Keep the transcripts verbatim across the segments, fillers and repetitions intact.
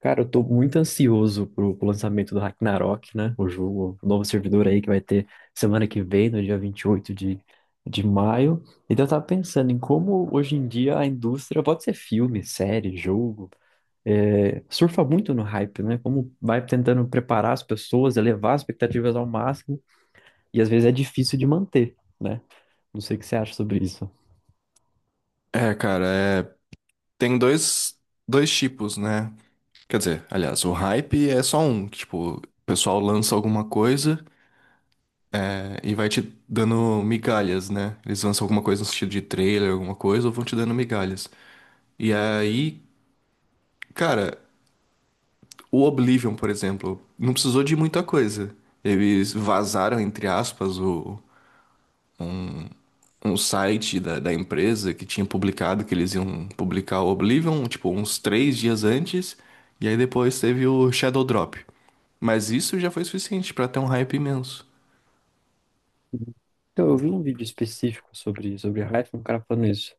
Cara, eu tô muito ansioso pro, pro lançamento do Ragnarok, né? O jogo, o novo servidor aí que vai ter semana que vem, no dia vinte e oito de, de maio. Então eu tava pensando em como hoje em dia a indústria, pode ser filme, série, jogo, é, surfa muito no hype, né? Como vai tentando preparar as pessoas, elevar as expectativas ao máximo, e às vezes é difícil de manter, né? Não sei o que você acha sobre isso. É, cara, é... tem dois, dois tipos, né? Quer dizer, aliás, o hype é só um, que, tipo, o pessoal lança alguma coisa é, e vai te dando migalhas, né? Eles lançam alguma coisa no sentido de trailer, alguma coisa, ou vão te dando migalhas. E aí, cara, o Oblivion, por exemplo, não precisou de muita coisa. Eles vazaram, entre aspas, o, um site da, da empresa que tinha publicado que eles iam publicar o Oblivion, tipo, uns três dias antes, e aí depois teve o Shadow Drop. Mas isso já foi suficiente pra ter um hype imenso. Então, eu vi um vídeo específico sobre, sobre Hyphen, um cara falando isso.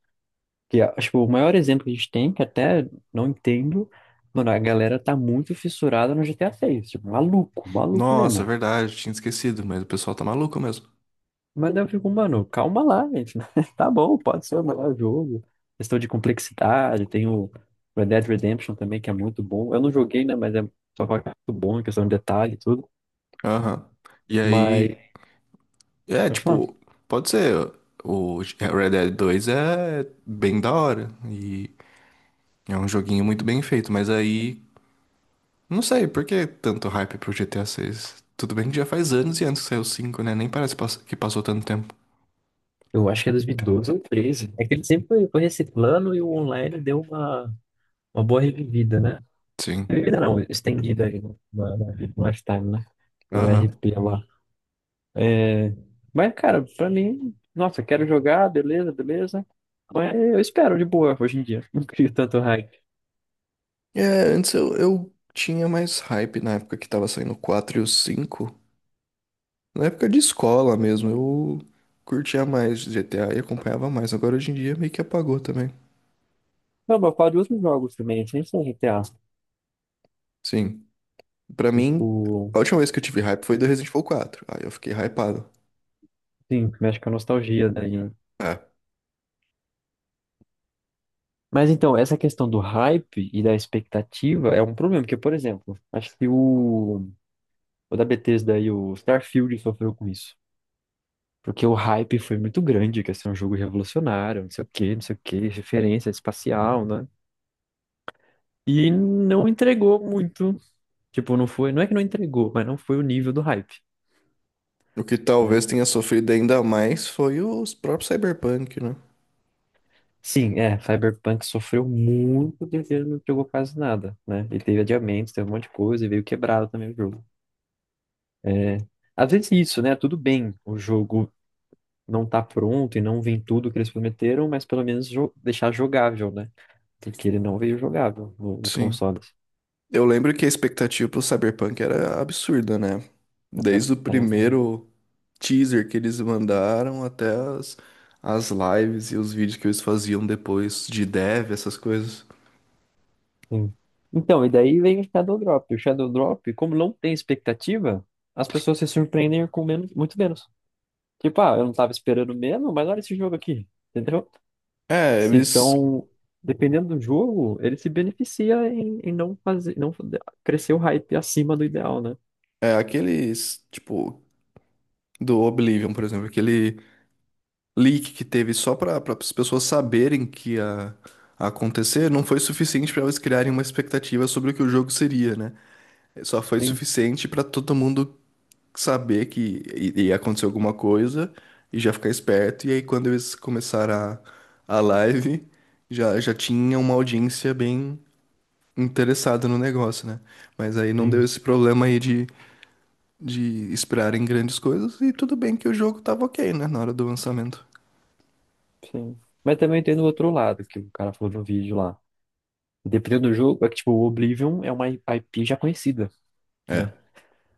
Que, ah, tipo, o maior exemplo que a gente tem, que até não entendo, mano, a galera tá muito fissurada no G T A seis. Tipo, maluco, maluco Nossa, mesmo. verdade, tinha esquecido, mas o pessoal tá maluco mesmo. Mas daí eu fico, mano, calma lá, gente. Tá bom, pode ser o melhor jogo. Questão de complexidade, tem o Red Dead Redemption também, que é muito bom. Eu não joguei, né, mas é só fala que é muito bom em questão de detalhe e tudo. Aham. E Mas, aí, é, acho lá, tipo, pode ser. O Red Dead dois é bem da hora. E é um joguinho muito bem feito, mas aí. Não sei, por que tanto hype pro G T A seis? Tudo bem que já faz anos e antes que saiu o cinco, né? Nem parece pass- que passou tanto tempo. eu acho que é dois mil e doze ou treze. É que ele sempre foi foi reciclando e o online deu uma Uma boa revivida, né? Sim. Revivida não, estendida aí no- na- na- mais tarde, né? O Aham. R P lá. É... Mas, cara, pra mim, nossa, quero jogar, beleza, beleza. Mas eu espero de boa hoje em dia. Não crio tanto hype. É, antes eu, eu tinha mais hype na época que tava saindo o quatro e o cinco. Na época de escola mesmo, eu curtia mais G T A e acompanhava mais. Agora hoje em dia meio que apagou também. Não, mas eu falo de outros jogos também, assim, sem ser G T A. Sim. Pra mim, Tipo, a última vez que eu tive hype foi do Resident Evil quatro. Aí eu fiquei hypado. sim, mexe com a nostalgia daí. Né? É. Mas então, essa questão do hype e da expectativa é um problema, porque, por exemplo, acho que o, o da Bethesda aí, o Starfield sofreu com isso. Porque o hype foi muito grande, que ia ser um jogo revolucionário, não sei o quê, não sei o quê, referência espacial, né? E não entregou muito. Tipo, não foi, não é que não entregou, mas não foi o nível do hype, O que né? talvez tenha sofrido ainda mais foi os próprios Cyberpunk, né? Sim, é, Cyberpunk sofreu muito porque ele não entregou quase nada, né? Ele teve adiamentos, teve um monte de coisa e veio quebrado também o jogo. É, às vezes é isso, né? Tudo bem, o jogo não tá pronto e não vem tudo que eles prometeram, mas pelo menos jo- deixar jogável, né? Porque ele não veio jogável no- nos Sim. consoles. Eu lembro que a expectativa pro Cyberpunk era absurda, né? Era- Desde o era- Um primeiro teaser que eles mandaram até as, as lives e os vídeos que eles faziam depois de dev, essas coisas. sim. Então, e daí vem o Shadow Drop. O Shadow Drop, como não tem expectativa, as pessoas se surpreendem com menos, muito menos. Tipo, ah, eu não tava esperando mesmo, mas olha esse jogo aqui, entendeu? É, Se, eles. Então, dependendo do jogo, ele se beneficia em, em não fazer, não crescer o hype acima do ideal, né? É, aqueles. Tipo, do Oblivion, por exemplo, aquele leak que teve só pra, pra as pessoas saberem que ia acontecer, não foi suficiente pra eles criarem uma expectativa sobre o que o jogo seria, né? Só foi Sim, suficiente pra todo mundo saber que i- ia acontecer alguma coisa e já ficar esperto. E aí, quando eles começaram a, a live, já, já tinha uma audiência bem interessada no negócio, né? Mas aí não deu sim, esse problema aí de, de esperarem grandes coisas. E tudo bem que o jogo tava ok, né? Na hora do lançamento. sim. Mas também tem do outro lado, que o cara falou no vídeo lá. Dependendo do jogo, é que, tipo, o Oblivion é uma I P já conhecida, né? É.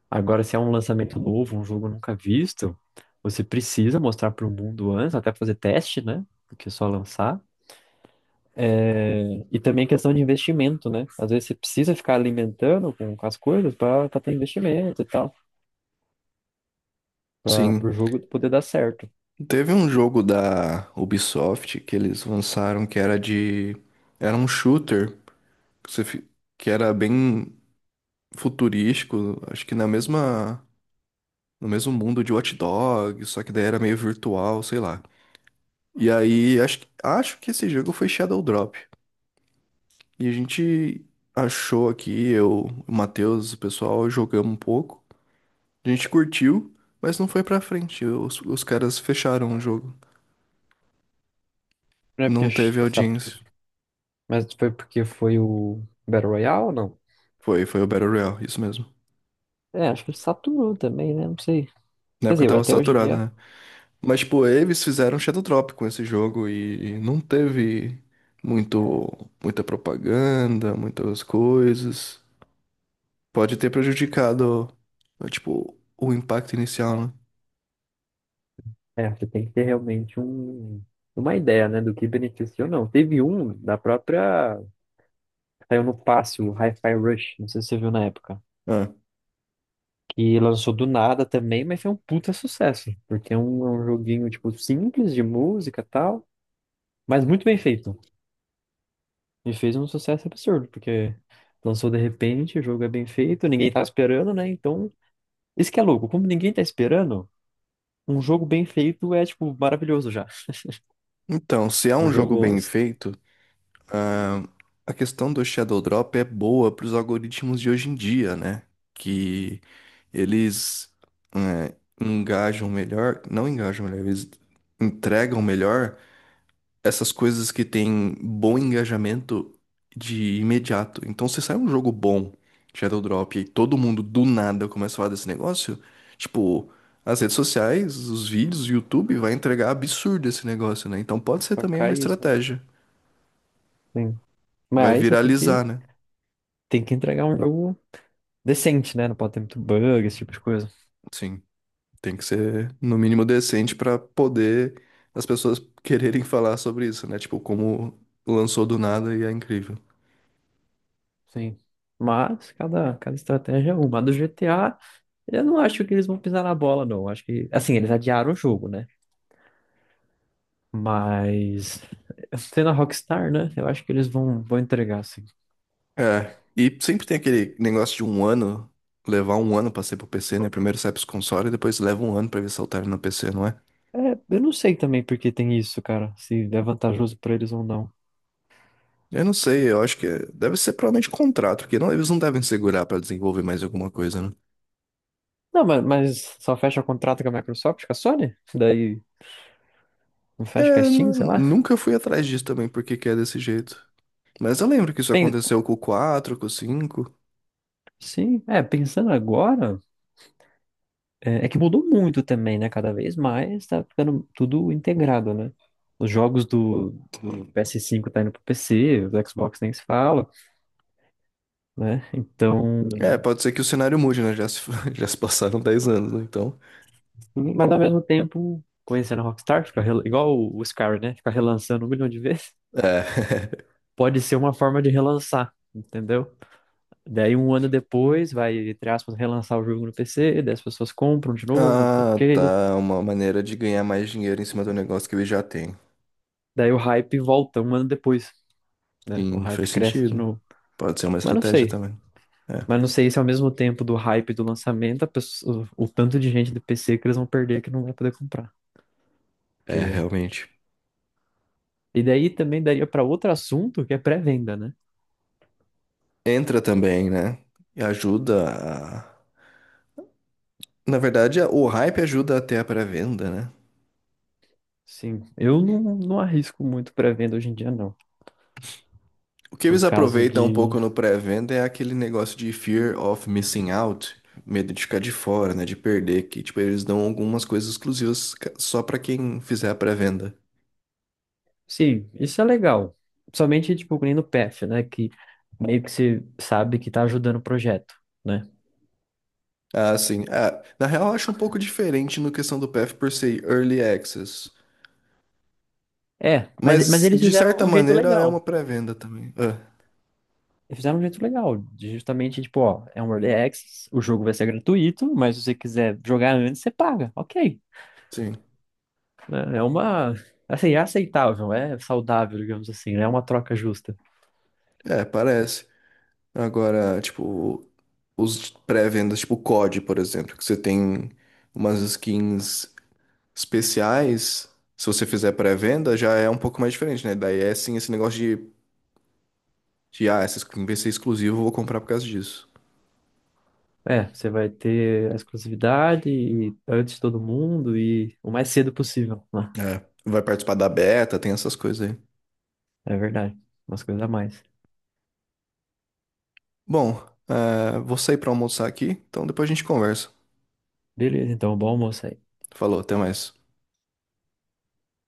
Agora, se é um lançamento novo, um jogo nunca visto, você precisa mostrar para o mundo antes, até fazer teste, né? Do que só lançar. É, e também questão de investimento, né? Às vezes você precisa ficar alimentando com, com as coisas para ter investimento e tal, para Sim, o jogo poder dar certo. teve um jogo da Ubisoft que eles lançaram que era de. Era um shooter que, você fi- que era bem futurístico, acho que na mesma no mesmo mundo de Watch Dogs, só que daí era meio virtual, sei lá. E aí, acho, que- acho que esse jogo foi Shadow Drop. E a gente achou aqui, eu, o Matheus, o pessoal, jogamos um pouco. A gente curtiu, mas não foi pra frente. Os, os caras fecharam o jogo. Não é Não porque ch- teve saturou. audiência. Mas foi porque foi o Battle Royale ou não? Foi, foi o Battle Royale, isso mesmo. É, acho que saturou também, né? Não sei. Na Quer época eu dizer, tava até hoje em saturado, dia, né? Mas, tipo, eles fizeram Shadow Drop com esse jogo e não teve muito, muita propaganda, muitas coisas. Pode ter prejudicado, tipo, o impacto inicial, né? é, você tem que ter realmente um, uma ideia, né, do que beneficia ou não. Teve um da própria. Saiu no passe, o Hi-Fi Rush, não sei se você viu na época. Ah. Que lançou do nada também, mas foi um puta sucesso. Porque é um, é um joguinho, tipo, simples de música e tal, mas muito bem feito. E fez um sucesso absurdo, porque lançou de repente, o jogo é bem feito, ninguém tá esperando, né? Então, isso que é louco, como ninguém tá esperando, um jogo bem feito é, tipo, maravilhoso já. Então, se é Um um jogo jogo bem só feito, ah, a questão do Shadow Drop é boa para os algoritmos de hoje em dia, né? Que eles eh, engajam melhor, não engajam melhor, eles entregam melhor essas coisas que têm bom engajamento de imediato. Então, se sai um jogo bom, Shadow Drop, e aí todo mundo do nada começa a falar desse negócio, tipo, as redes sociais, os vídeos, o YouTube vai entregar absurdo esse negócio, né? Então pode ser também uma cai isso. estratégia. Sim. Vai Mas você tem que, viralizar, né? tem que entregar um jogo decente, né? Não pode ter muito bug, esse tipo de coisa. Sim, tem que ser no mínimo decente pra poder as pessoas quererem falar sobre isso, né? Tipo, como lançou do nada e é incrível. Sim. Mas cada, cada estratégia é uma. A do G T A, eu não acho que eles vão pisar na bola, não. Acho que, assim, eles adiaram o jogo, né? Mas, sendo a Rockstar, né? Eu acho que eles vão, vão entregar, assim. É, e sempre tem aquele negócio de um ano, levar um ano pra ser pro P C, né? Primeiro sai pros consoles e depois leva um ano pra ver se altera no P C, não é? É, eu não sei também porque tem isso, cara. Se é vantajoso pra eles ou não. Eu não sei, eu acho que é- deve ser provavelmente contrato, porque não, eles não devem segurar pra desenvolver mais alguma coisa, né? Não, mas, mas só fecha contrato com a Microsoft, com a Sony? Daí não fecha com a É, Steam, nu- sei lá? nunca fui atrás disso também, porque que é desse jeito. Mas eu lembro que isso Pen- aconteceu com o quatro com o cinco. sim, é, pensando agora. É, é que mudou muito também, né? Cada vez mais tá ficando tudo integrado, né? Os jogos do, do P S cinco tá indo pro P C, do Xbox nem se fala, né? É, Então, pode ser que o cenário mude, né? Já se, já se passaram dez anos, né? Então. mas ao mesmo tempo, conhecendo a Rockstar, fica rel- igual o o Skyrim, né? Fica relançando um milhão de vezes. É. Pode ser uma forma de relançar, entendeu? Daí um ano depois vai, entre aspas, relançar o jogo no P C, daí as pessoas compram de novo, não sei o Ah, quê. tá. Uma maneira de ganhar mais dinheiro em cima do negócio que ele já tem. Daí o hype volta um ano depois, né? O Sim, faz hype cresce de sentido. novo. Pode ser uma Mas não estratégia sei. também. É, Mas não sei se ao mesmo tempo do hype do lançamento, a pessoa- o o tanto de gente do P C que eles vão perder que não vai poder comprar. é Porque... realmente. E daí também daria para outro assunto que é pré-venda, né? Entra também, né? E ajuda a... Na verdade, o hype ajuda até a pré-venda, né? Sim, eu não, não arrisco muito pré-venda hoje em dia, não. O que Por eles causa aproveitam um de. pouco no pré-venda é aquele negócio de fear of missing out, medo de ficar de fora, né? De perder, que tipo, eles dão algumas coisas exclusivas ca- só pra quem fizer a pré-venda. Sim, isso é legal. Somente, tipo, que nem no P F, né? Que meio que você sabe que tá ajudando o projeto, né? Ah, sim. Ah, na real, eu acho um pouco diferente no questão do P F por ser early access. É, mas, mas Mas, eles de fizeram certa um jeito maneira, é uma legal. pré-venda também. É, E fizeram um jeito legal, de justamente, tipo, ó, é um early access, o jogo vai ser gratuito, mas se você quiser jogar antes, você paga, ok. sim. É é uma, assim, é aceitável, é saudável, digamos assim, né? É uma troca justa. É, parece. Agora, tipo, os pré-vendas, tipo o cod, por exemplo, que você tem umas skins especiais. Se você fizer pré-venda, já é um pouco mais diferente, né? Daí é sim esse negócio de, de ah, essa skin vai ser exclusiva, eu vou comprar por causa disso. É, você vai ter a exclusividade e antes de todo mundo e o mais cedo possível, né? É. Vai participar da beta, tem essas coisas aí. É verdade, umas coisas a mais. Bom, é, vou sair pra almoçar aqui, então depois a gente conversa. Beleza, então, bom almoço aí. Falou, até mais.